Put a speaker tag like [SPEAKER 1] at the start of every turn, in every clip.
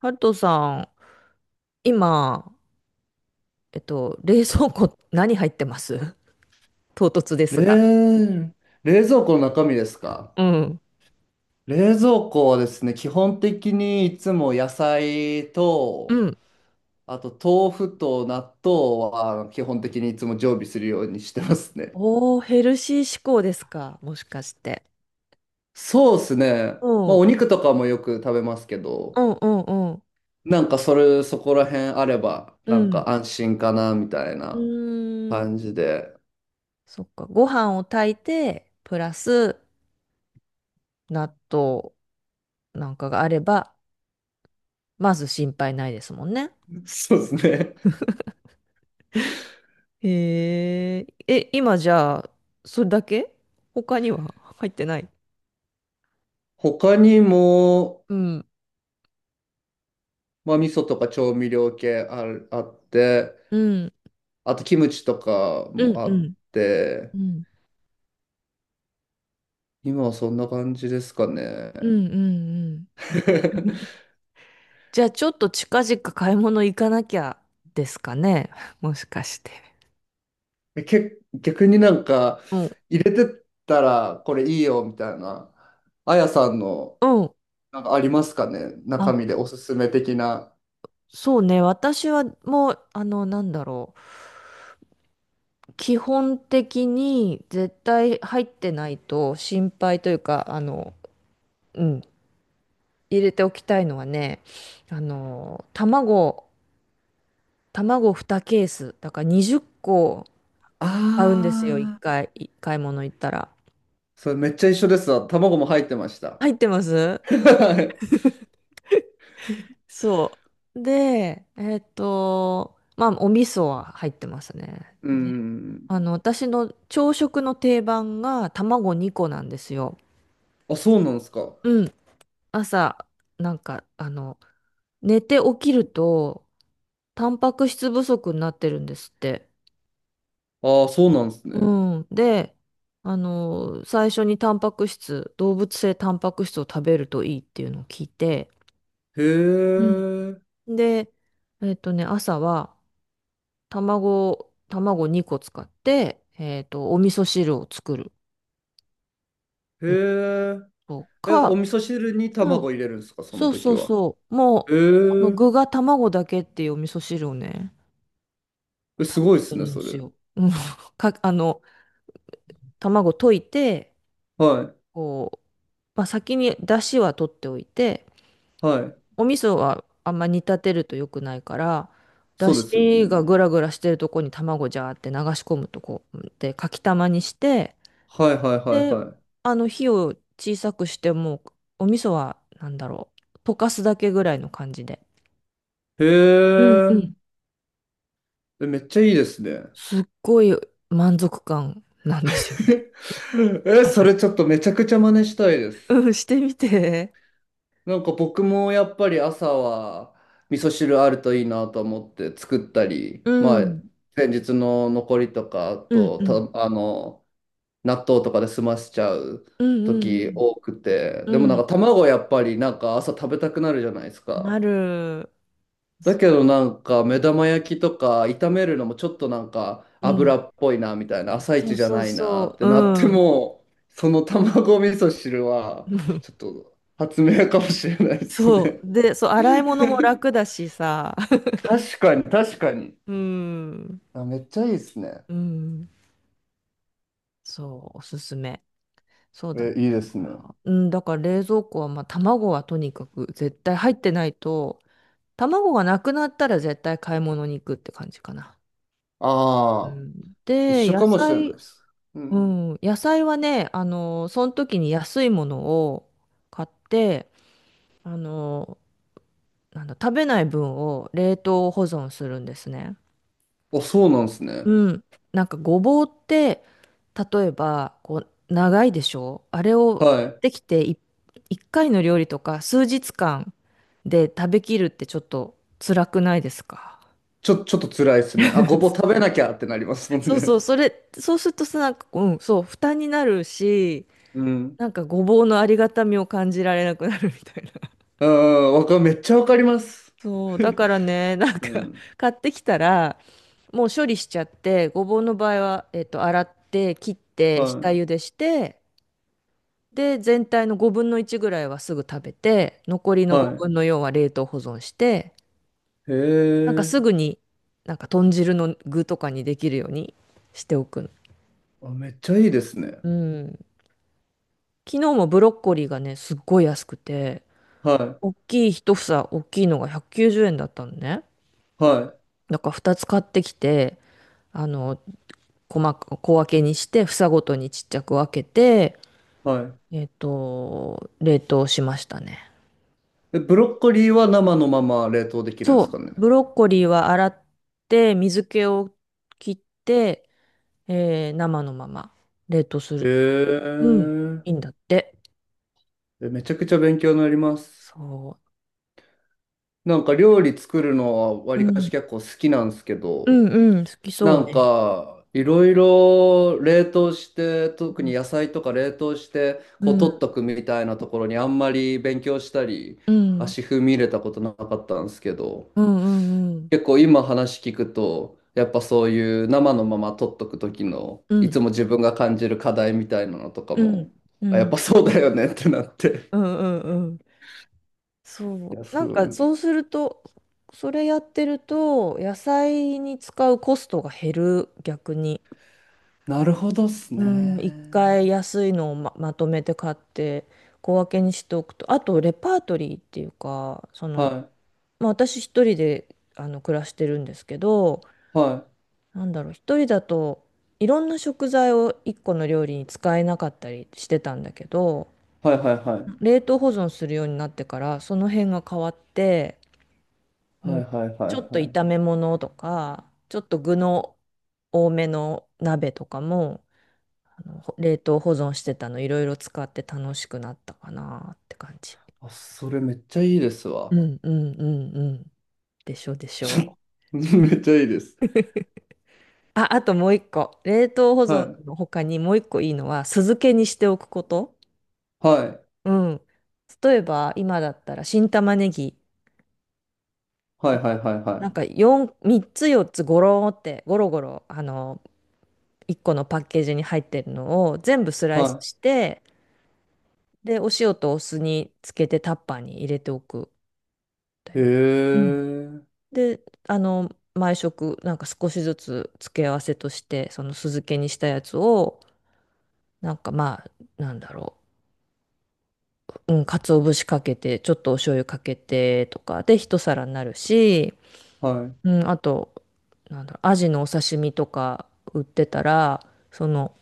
[SPEAKER 1] ハルトさん、今、冷蔵庫何入ってます？ 唐突ですが。
[SPEAKER 2] 冷、冷蔵庫の中身ですか？
[SPEAKER 1] うん。
[SPEAKER 2] 冷蔵庫はですね、基本的にいつも野菜
[SPEAKER 1] う
[SPEAKER 2] と、
[SPEAKER 1] ん。
[SPEAKER 2] あと豆腐と納豆は基本的にいつも常備するようにしてますね。
[SPEAKER 1] おー、ヘルシー志向ですか、もしかして。
[SPEAKER 2] そうですね。
[SPEAKER 1] うん。う
[SPEAKER 2] まあ
[SPEAKER 1] ん
[SPEAKER 2] お肉とかもよく食べますけ
[SPEAKER 1] う
[SPEAKER 2] ど、
[SPEAKER 1] んうん。
[SPEAKER 2] なんかそこら辺あれば、
[SPEAKER 1] う
[SPEAKER 2] なん
[SPEAKER 1] ん。
[SPEAKER 2] か安心かなみたい
[SPEAKER 1] う
[SPEAKER 2] な
[SPEAKER 1] ーん。
[SPEAKER 2] 感じで。
[SPEAKER 1] そっか。ご飯を炊いて、プラス納豆なんかがあれば、まず心配ないですもんね。
[SPEAKER 2] そうですね。
[SPEAKER 1] へえ。え、今じゃあ、それだけ、他には入ってない？
[SPEAKER 2] 他にも、
[SPEAKER 1] うん。
[SPEAKER 2] まあ味噌とか調味料系あって、
[SPEAKER 1] うん。
[SPEAKER 2] あとキムチとか
[SPEAKER 1] う
[SPEAKER 2] も
[SPEAKER 1] んう
[SPEAKER 2] あっ
[SPEAKER 1] ん。
[SPEAKER 2] て、
[SPEAKER 1] うん
[SPEAKER 2] 今はそんな感じですか
[SPEAKER 1] う
[SPEAKER 2] ね。
[SPEAKER 1] んうんうん。じゃあちょっと近々買い物行かなきゃですかね。もしかして。
[SPEAKER 2] 逆になんか
[SPEAKER 1] うん。
[SPEAKER 2] 入れてったらこれいいよみたいな、あやさんの
[SPEAKER 1] うん。
[SPEAKER 2] なんかありますかね中身
[SPEAKER 1] あ、
[SPEAKER 2] でおすすめ的な。
[SPEAKER 1] そうね。私はもう、なんだろう。基本的に絶対入ってないと心配というか、あの、うん、入れておきたいのはね、あの、卵、卵2ケース。だから20個う
[SPEAKER 2] あ
[SPEAKER 1] 買うんですよ、1
[SPEAKER 2] あ、
[SPEAKER 1] 回、い買い物行ったら。
[SPEAKER 2] それめっちゃ一緒ですわ。卵も入ってました。
[SPEAKER 1] 入ってます
[SPEAKER 2] はい、
[SPEAKER 1] そう。で、まあ、お味噌は入ってますね。
[SPEAKER 2] う
[SPEAKER 1] ね、
[SPEAKER 2] ん。
[SPEAKER 1] あの、私の朝食の定番が卵2個なんですよ。
[SPEAKER 2] あ、そうなんですか。
[SPEAKER 1] うん。朝、なんか、あの、寝て起きると、タンパク質不足になってるんですって。
[SPEAKER 2] ああ、そうなんですね。
[SPEAKER 1] うん。で、あの、最初にタンパク質、動物性タンパク質を食べるといいっていうのを聞いて、
[SPEAKER 2] へ
[SPEAKER 1] うん、
[SPEAKER 2] え、
[SPEAKER 1] で、えっとね、朝は、卵、卵2個使って、お味噌汁を作る。
[SPEAKER 2] へ
[SPEAKER 1] うん、
[SPEAKER 2] え。
[SPEAKER 1] と
[SPEAKER 2] え、お
[SPEAKER 1] か、
[SPEAKER 2] 味噌汁に
[SPEAKER 1] うん。
[SPEAKER 2] 卵入れるんですか、その
[SPEAKER 1] そう
[SPEAKER 2] 時
[SPEAKER 1] そう
[SPEAKER 2] は。
[SPEAKER 1] そう、
[SPEAKER 2] え
[SPEAKER 1] もう、あの
[SPEAKER 2] ー、
[SPEAKER 1] 具が卵だけっていうお味噌汁をね、
[SPEAKER 2] えすごいで
[SPEAKER 1] す
[SPEAKER 2] す
[SPEAKER 1] る
[SPEAKER 2] ね、
[SPEAKER 1] ん
[SPEAKER 2] そ
[SPEAKER 1] で
[SPEAKER 2] れ。
[SPEAKER 1] すよ。うんか、あの、卵溶いて、
[SPEAKER 2] はい、
[SPEAKER 1] こう、まあ、先に出汁は取っておいて、
[SPEAKER 2] はい。
[SPEAKER 1] お味噌はあんま煮立てると良くないから、出
[SPEAKER 2] そうですよ
[SPEAKER 1] 汁が
[SPEAKER 2] ね。
[SPEAKER 1] グラグラしてるとこに卵ジャーって流し込むとこでかきたまにして、
[SPEAKER 2] はい、はい、はい、
[SPEAKER 1] で、
[SPEAKER 2] は
[SPEAKER 1] あの火を小さくしてもお味噌はなんだろう溶かすだけぐらいの感じで、
[SPEAKER 2] い。へ
[SPEAKER 1] うんう
[SPEAKER 2] え、
[SPEAKER 1] ん。
[SPEAKER 2] えめっちゃいいですね。
[SPEAKER 1] すっごい満足感なんですよね。
[SPEAKER 2] え、それちょっとめちゃくちゃ真似したいです。
[SPEAKER 1] うん、してみて。
[SPEAKER 2] なんか僕もやっぱり朝は味噌汁あるといいなと思って作ったり、
[SPEAKER 1] う
[SPEAKER 2] まあ、
[SPEAKER 1] ん。
[SPEAKER 2] 前日の残りとか、あ
[SPEAKER 1] うん
[SPEAKER 2] と、
[SPEAKER 1] うん。
[SPEAKER 2] あの、納豆とかで済ませちゃう
[SPEAKER 1] うん
[SPEAKER 2] 時多くて、
[SPEAKER 1] う
[SPEAKER 2] で
[SPEAKER 1] ん
[SPEAKER 2] も
[SPEAKER 1] う
[SPEAKER 2] なん
[SPEAKER 1] ん。
[SPEAKER 2] か卵やっぱりなんか朝食べたくなるじゃないです
[SPEAKER 1] うん。な
[SPEAKER 2] か。
[SPEAKER 1] る。
[SPEAKER 2] だけどなんか目玉焼きとか炒めるのもちょっとなんか
[SPEAKER 1] うん。
[SPEAKER 2] 油っぽいなみたいな朝
[SPEAKER 1] そ
[SPEAKER 2] 一
[SPEAKER 1] う
[SPEAKER 2] じゃ
[SPEAKER 1] そう
[SPEAKER 2] ないなっ
[SPEAKER 1] そう。
[SPEAKER 2] てなっ
[SPEAKER 1] う
[SPEAKER 2] て
[SPEAKER 1] ん。
[SPEAKER 2] もその卵味噌汁はちょっ と発明かもしれないです
[SPEAKER 1] そ
[SPEAKER 2] ね。
[SPEAKER 1] う。で、そう、洗い物も楽だしさ。
[SPEAKER 2] 確かに確かに。
[SPEAKER 1] うん。
[SPEAKER 2] あ、めっちゃいいですね。
[SPEAKER 1] うん。そう、おすすめ。そうだね。
[SPEAKER 2] え、いい
[SPEAKER 1] だ
[SPEAKER 2] です
[SPEAKER 1] か
[SPEAKER 2] ね。
[SPEAKER 1] ら、うん、だから冷蔵庫は、まあ、卵はとにかく絶対入ってないと、卵がなくなったら絶対買い物に行くって感じかな。う
[SPEAKER 2] ああ、
[SPEAKER 1] ん、
[SPEAKER 2] 一
[SPEAKER 1] で、
[SPEAKER 2] 緒
[SPEAKER 1] 野
[SPEAKER 2] かもしれない
[SPEAKER 1] 菜、
[SPEAKER 2] です。う
[SPEAKER 1] う
[SPEAKER 2] ん。
[SPEAKER 1] ん、野菜はね、あの、その時に安いものを買って、あの、なんだ、食べない分を冷凍保存するんですね。
[SPEAKER 2] お、そうなんですね。
[SPEAKER 1] うん。なんかごぼうって、例えば、こう、長いでしょあれを
[SPEAKER 2] は
[SPEAKER 1] 買っ
[SPEAKER 2] い。
[SPEAKER 1] てきてい一回の料理とか数日間で食べきるってちょっと辛くないですか？
[SPEAKER 2] ちょっと辛いですね。あ、ごぼう食べなきゃってなりますもん
[SPEAKER 1] そう
[SPEAKER 2] ね。
[SPEAKER 1] そう、それ、そうするとさ、なんか、うん、そう、負担になるし、
[SPEAKER 2] うん。
[SPEAKER 1] なんかごぼうのありがたみを感じられなくなるみたいな。
[SPEAKER 2] うん、めっちゃわかります。
[SPEAKER 1] そう、だ からね、なん
[SPEAKER 2] う
[SPEAKER 1] か、
[SPEAKER 2] ん。
[SPEAKER 1] 買ってきたら、もう処理しちゃって、ごぼうの場合は、洗って、切っ
[SPEAKER 2] は
[SPEAKER 1] て、下
[SPEAKER 2] い、
[SPEAKER 1] 茹でして、で、全体の5分の1ぐらいはすぐ食べて、残りの
[SPEAKER 2] は
[SPEAKER 1] 5分の4は冷凍保存して、
[SPEAKER 2] い。へ
[SPEAKER 1] なんか
[SPEAKER 2] え。
[SPEAKER 1] すぐに、なんか豚汁の具とかにできるようにしておくの。
[SPEAKER 2] あ、めっちゃいいですね。
[SPEAKER 1] うん。昨日もブロッコリーがね、すっごい安くて、
[SPEAKER 2] は
[SPEAKER 1] 大きい一房、大きいのが190円だったのね。
[SPEAKER 2] い、は
[SPEAKER 1] だから2つ買ってきて、あの、細か、小分けにして、房ごとにちっちゃく分けて、
[SPEAKER 2] い、は
[SPEAKER 1] 冷凍しましたね。
[SPEAKER 2] い。え、ブロッコリーは生のまま冷凍できるんで
[SPEAKER 1] そ
[SPEAKER 2] すか
[SPEAKER 1] う、
[SPEAKER 2] ね。
[SPEAKER 1] ブロッコリーは洗って水気を切って、生のまま冷凍す
[SPEAKER 2] へ
[SPEAKER 1] る。うん、いい
[SPEAKER 2] え。
[SPEAKER 1] んだって。
[SPEAKER 2] え、めちゃくちゃ勉強になります。
[SPEAKER 1] そ
[SPEAKER 2] なんか料理作るのはわ
[SPEAKER 1] う。う
[SPEAKER 2] りかし
[SPEAKER 1] ん、
[SPEAKER 2] 結構好きなんですけ
[SPEAKER 1] う
[SPEAKER 2] ど、
[SPEAKER 1] ん、うん、好きそ
[SPEAKER 2] な
[SPEAKER 1] う
[SPEAKER 2] ん
[SPEAKER 1] ね。
[SPEAKER 2] かいろいろ冷凍して、特に野菜とか冷凍して、
[SPEAKER 1] う
[SPEAKER 2] こ
[SPEAKER 1] ん、
[SPEAKER 2] う
[SPEAKER 1] う
[SPEAKER 2] 取っ
[SPEAKER 1] ん、
[SPEAKER 2] とくみたいなところにあんまり勉強したり、
[SPEAKER 1] うん、
[SPEAKER 2] 足踏み入れたことなかったんですけど、
[SPEAKER 1] うん、うん、
[SPEAKER 2] 結構今話聞くと、やっぱそういう生のまま撮っとく時の、
[SPEAKER 1] うん、
[SPEAKER 2] い
[SPEAKER 1] う
[SPEAKER 2] つ
[SPEAKER 1] ん、
[SPEAKER 2] も自分が感じる課題みたいなのとか
[SPEAKER 1] う
[SPEAKER 2] も、
[SPEAKER 1] ん、う
[SPEAKER 2] あやっぱ
[SPEAKER 1] ん、
[SPEAKER 2] そうだよねってなって。
[SPEAKER 1] うんうん、
[SPEAKER 2] い
[SPEAKER 1] そ
[SPEAKER 2] や、
[SPEAKER 1] う。
[SPEAKER 2] す
[SPEAKER 1] なん
[SPEAKER 2] ご
[SPEAKER 1] か
[SPEAKER 2] い。
[SPEAKER 1] そうすると、それやってると、野菜に使うコストが減る、逆に。
[SPEAKER 2] なるほどっす
[SPEAKER 1] うん、一
[SPEAKER 2] ね。
[SPEAKER 1] 回安いのをま、まとめて買って小分けにしておくと、あとレパートリーっていうか、その、
[SPEAKER 2] は
[SPEAKER 1] まあ、私一人であの暮らしてるんですけど、
[SPEAKER 2] い。は
[SPEAKER 1] なんだろう、一人だといろんな食材を一個の料理に使えなかったりしてたんだけど、
[SPEAKER 2] い。はいはいはい。
[SPEAKER 1] 冷凍保存するようになってからその辺が変わって、う
[SPEAKER 2] はい
[SPEAKER 1] ん、
[SPEAKER 2] はいは
[SPEAKER 1] ちょっ
[SPEAKER 2] い
[SPEAKER 1] と
[SPEAKER 2] はい。
[SPEAKER 1] 炒め物とか、ちょっと具の多めの鍋とかも。あのほ冷凍保存してたのいろいろ使って楽しくなったかなって感じ。
[SPEAKER 2] あ、それめっちゃいいです
[SPEAKER 1] う
[SPEAKER 2] わ。
[SPEAKER 1] んうんうんうん。でしょでしょう。
[SPEAKER 2] めっちゃいいです。
[SPEAKER 1] あ、あともう一個。冷凍保
[SPEAKER 2] は
[SPEAKER 1] 存
[SPEAKER 2] い。
[SPEAKER 1] の他にもう一個いいのは酢漬けにしておくこと。
[SPEAKER 2] はい。
[SPEAKER 1] うん。例えば今だったら新玉ねぎ
[SPEAKER 2] はいはい
[SPEAKER 1] を
[SPEAKER 2] はい
[SPEAKER 1] な
[SPEAKER 2] は
[SPEAKER 1] んか4、3つ4つゴローってゴロゴロあの1個のパッケージに入ってるのを全部ス
[SPEAKER 2] い。
[SPEAKER 1] ライス
[SPEAKER 2] は
[SPEAKER 1] してでお塩とお酢につけてタッパーに入れておくんだ
[SPEAKER 2] い。へ
[SPEAKER 1] よね。うん、
[SPEAKER 2] え。
[SPEAKER 1] で、あの、毎食、なんか少しずつ付け合わせとして、その酢漬けにしたやつを、なんかまあ、なんだろう、うん、鰹節かけて、ちょっとお醤油かけてとかで一皿になるし、
[SPEAKER 2] はい。
[SPEAKER 1] うん、あと、なんだろう、アジのお刺身とか売ってたら、その、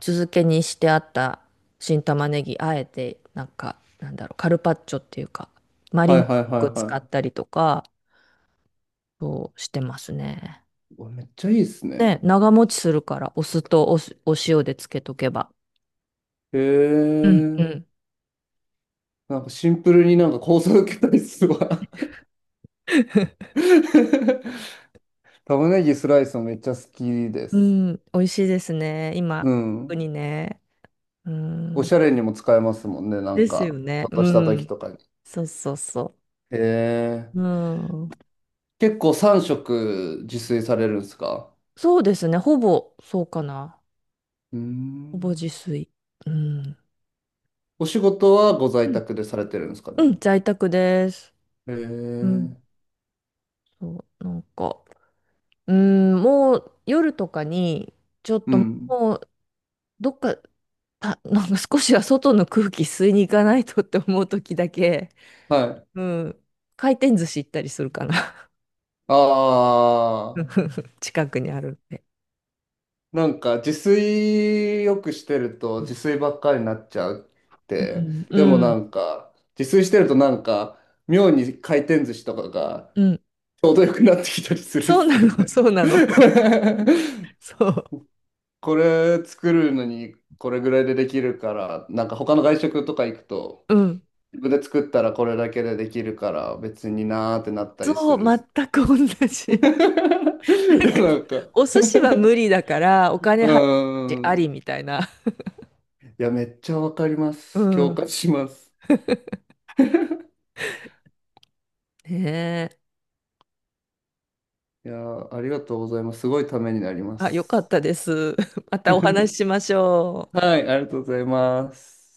[SPEAKER 1] 酢漬けにしてあった新玉ねぎ、あえて、なんか、なんだろう、カルパッチョっていうか、マ
[SPEAKER 2] は
[SPEAKER 1] リネ
[SPEAKER 2] い
[SPEAKER 1] っ
[SPEAKER 2] はいはい
[SPEAKER 1] ぽく使っ
[SPEAKER 2] は
[SPEAKER 1] たりとか、そうしてますね。
[SPEAKER 2] い。うわめっちゃいいっすね。
[SPEAKER 1] ね、長持ちするから、お酢とお酢、お塩でつけとけば。
[SPEAKER 2] へ
[SPEAKER 1] うん。う
[SPEAKER 2] え。
[SPEAKER 1] ん。
[SPEAKER 2] なんかシンプルになんか構想受けたりすごい 玉ねぎスライスもめっちゃ好きで
[SPEAKER 1] う
[SPEAKER 2] す。
[SPEAKER 1] ん、美味しいですね。
[SPEAKER 2] う
[SPEAKER 1] 今、特
[SPEAKER 2] ん。
[SPEAKER 1] にね。う
[SPEAKER 2] おし
[SPEAKER 1] ん。
[SPEAKER 2] ゃれにも使えますもんね。なん
[SPEAKER 1] ですよ
[SPEAKER 2] か、ち
[SPEAKER 1] ね。
[SPEAKER 2] ょっとした
[SPEAKER 1] う
[SPEAKER 2] 時
[SPEAKER 1] ん。
[SPEAKER 2] とかに。
[SPEAKER 1] そうそうそ
[SPEAKER 2] へえ。
[SPEAKER 1] う。うん。
[SPEAKER 2] 結構3食自炊されるんですか？
[SPEAKER 1] そうですね。ほぼ、そうかな。
[SPEAKER 2] うー
[SPEAKER 1] ほぼ自
[SPEAKER 2] ん。
[SPEAKER 1] 炊。うん。
[SPEAKER 2] お仕事はご
[SPEAKER 1] う
[SPEAKER 2] 在
[SPEAKER 1] ん。
[SPEAKER 2] 宅でされてるんですか
[SPEAKER 1] う
[SPEAKER 2] ね。
[SPEAKER 1] ん、在宅です。
[SPEAKER 2] へ
[SPEAKER 1] うん。
[SPEAKER 2] え。
[SPEAKER 1] そう、なんか、うん、もう夜とかに、ちょっ
[SPEAKER 2] う
[SPEAKER 1] と
[SPEAKER 2] ん。
[SPEAKER 1] もう、どっか、た、なんか少しは外の空気吸いに行かないとって思う時だけ、
[SPEAKER 2] はい。
[SPEAKER 1] うん。回転寿司行ったりするかな。
[SPEAKER 2] あ、
[SPEAKER 1] 近くにあるんで。
[SPEAKER 2] なんか自炊よくしてると自炊ばっかりになっちゃうっ
[SPEAKER 1] う
[SPEAKER 2] て。
[SPEAKER 1] ん、
[SPEAKER 2] で
[SPEAKER 1] う
[SPEAKER 2] もな
[SPEAKER 1] ん、
[SPEAKER 2] んか自炊してるとなんか妙に回転寿司とかが
[SPEAKER 1] うん。
[SPEAKER 2] ちょうどよくなってきたりするっ
[SPEAKER 1] そう
[SPEAKER 2] す
[SPEAKER 1] な
[SPEAKER 2] よ
[SPEAKER 1] の、
[SPEAKER 2] ね。
[SPEAKER 1] そうなの。そう。
[SPEAKER 2] これ作るのにこれぐらいでできるから、なんか他の外食とか行くと
[SPEAKER 1] うん。
[SPEAKER 2] 自分で作ったらこれだけでできるから別になーってなったりす
[SPEAKER 1] そう、
[SPEAKER 2] るっす。
[SPEAKER 1] 全く同 じ。な
[SPEAKER 2] い
[SPEAKER 1] ん
[SPEAKER 2] や
[SPEAKER 1] か、
[SPEAKER 2] なんか、う
[SPEAKER 1] お寿司は無理だから、お金
[SPEAKER 2] ー
[SPEAKER 1] 払うしあ
[SPEAKER 2] ん。
[SPEAKER 1] りみたいな。
[SPEAKER 2] いやめっちゃわかりま
[SPEAKER 1] う
[SPEAKER 2] す。共
[SPEAKER 1] ん。
[SPEAKER 2] 感します。
[SPEAKER 1] ねえ。
[SPEAKER 2] いやー、ありがとうございます。すごいためになりま
[SPEAKER 1] あ、よかっ
[SPEAKER 2] す。
[SPEAKER 1] たです。またお話し しましょう。
[SPEAKER 2] はい、ありがとうございます。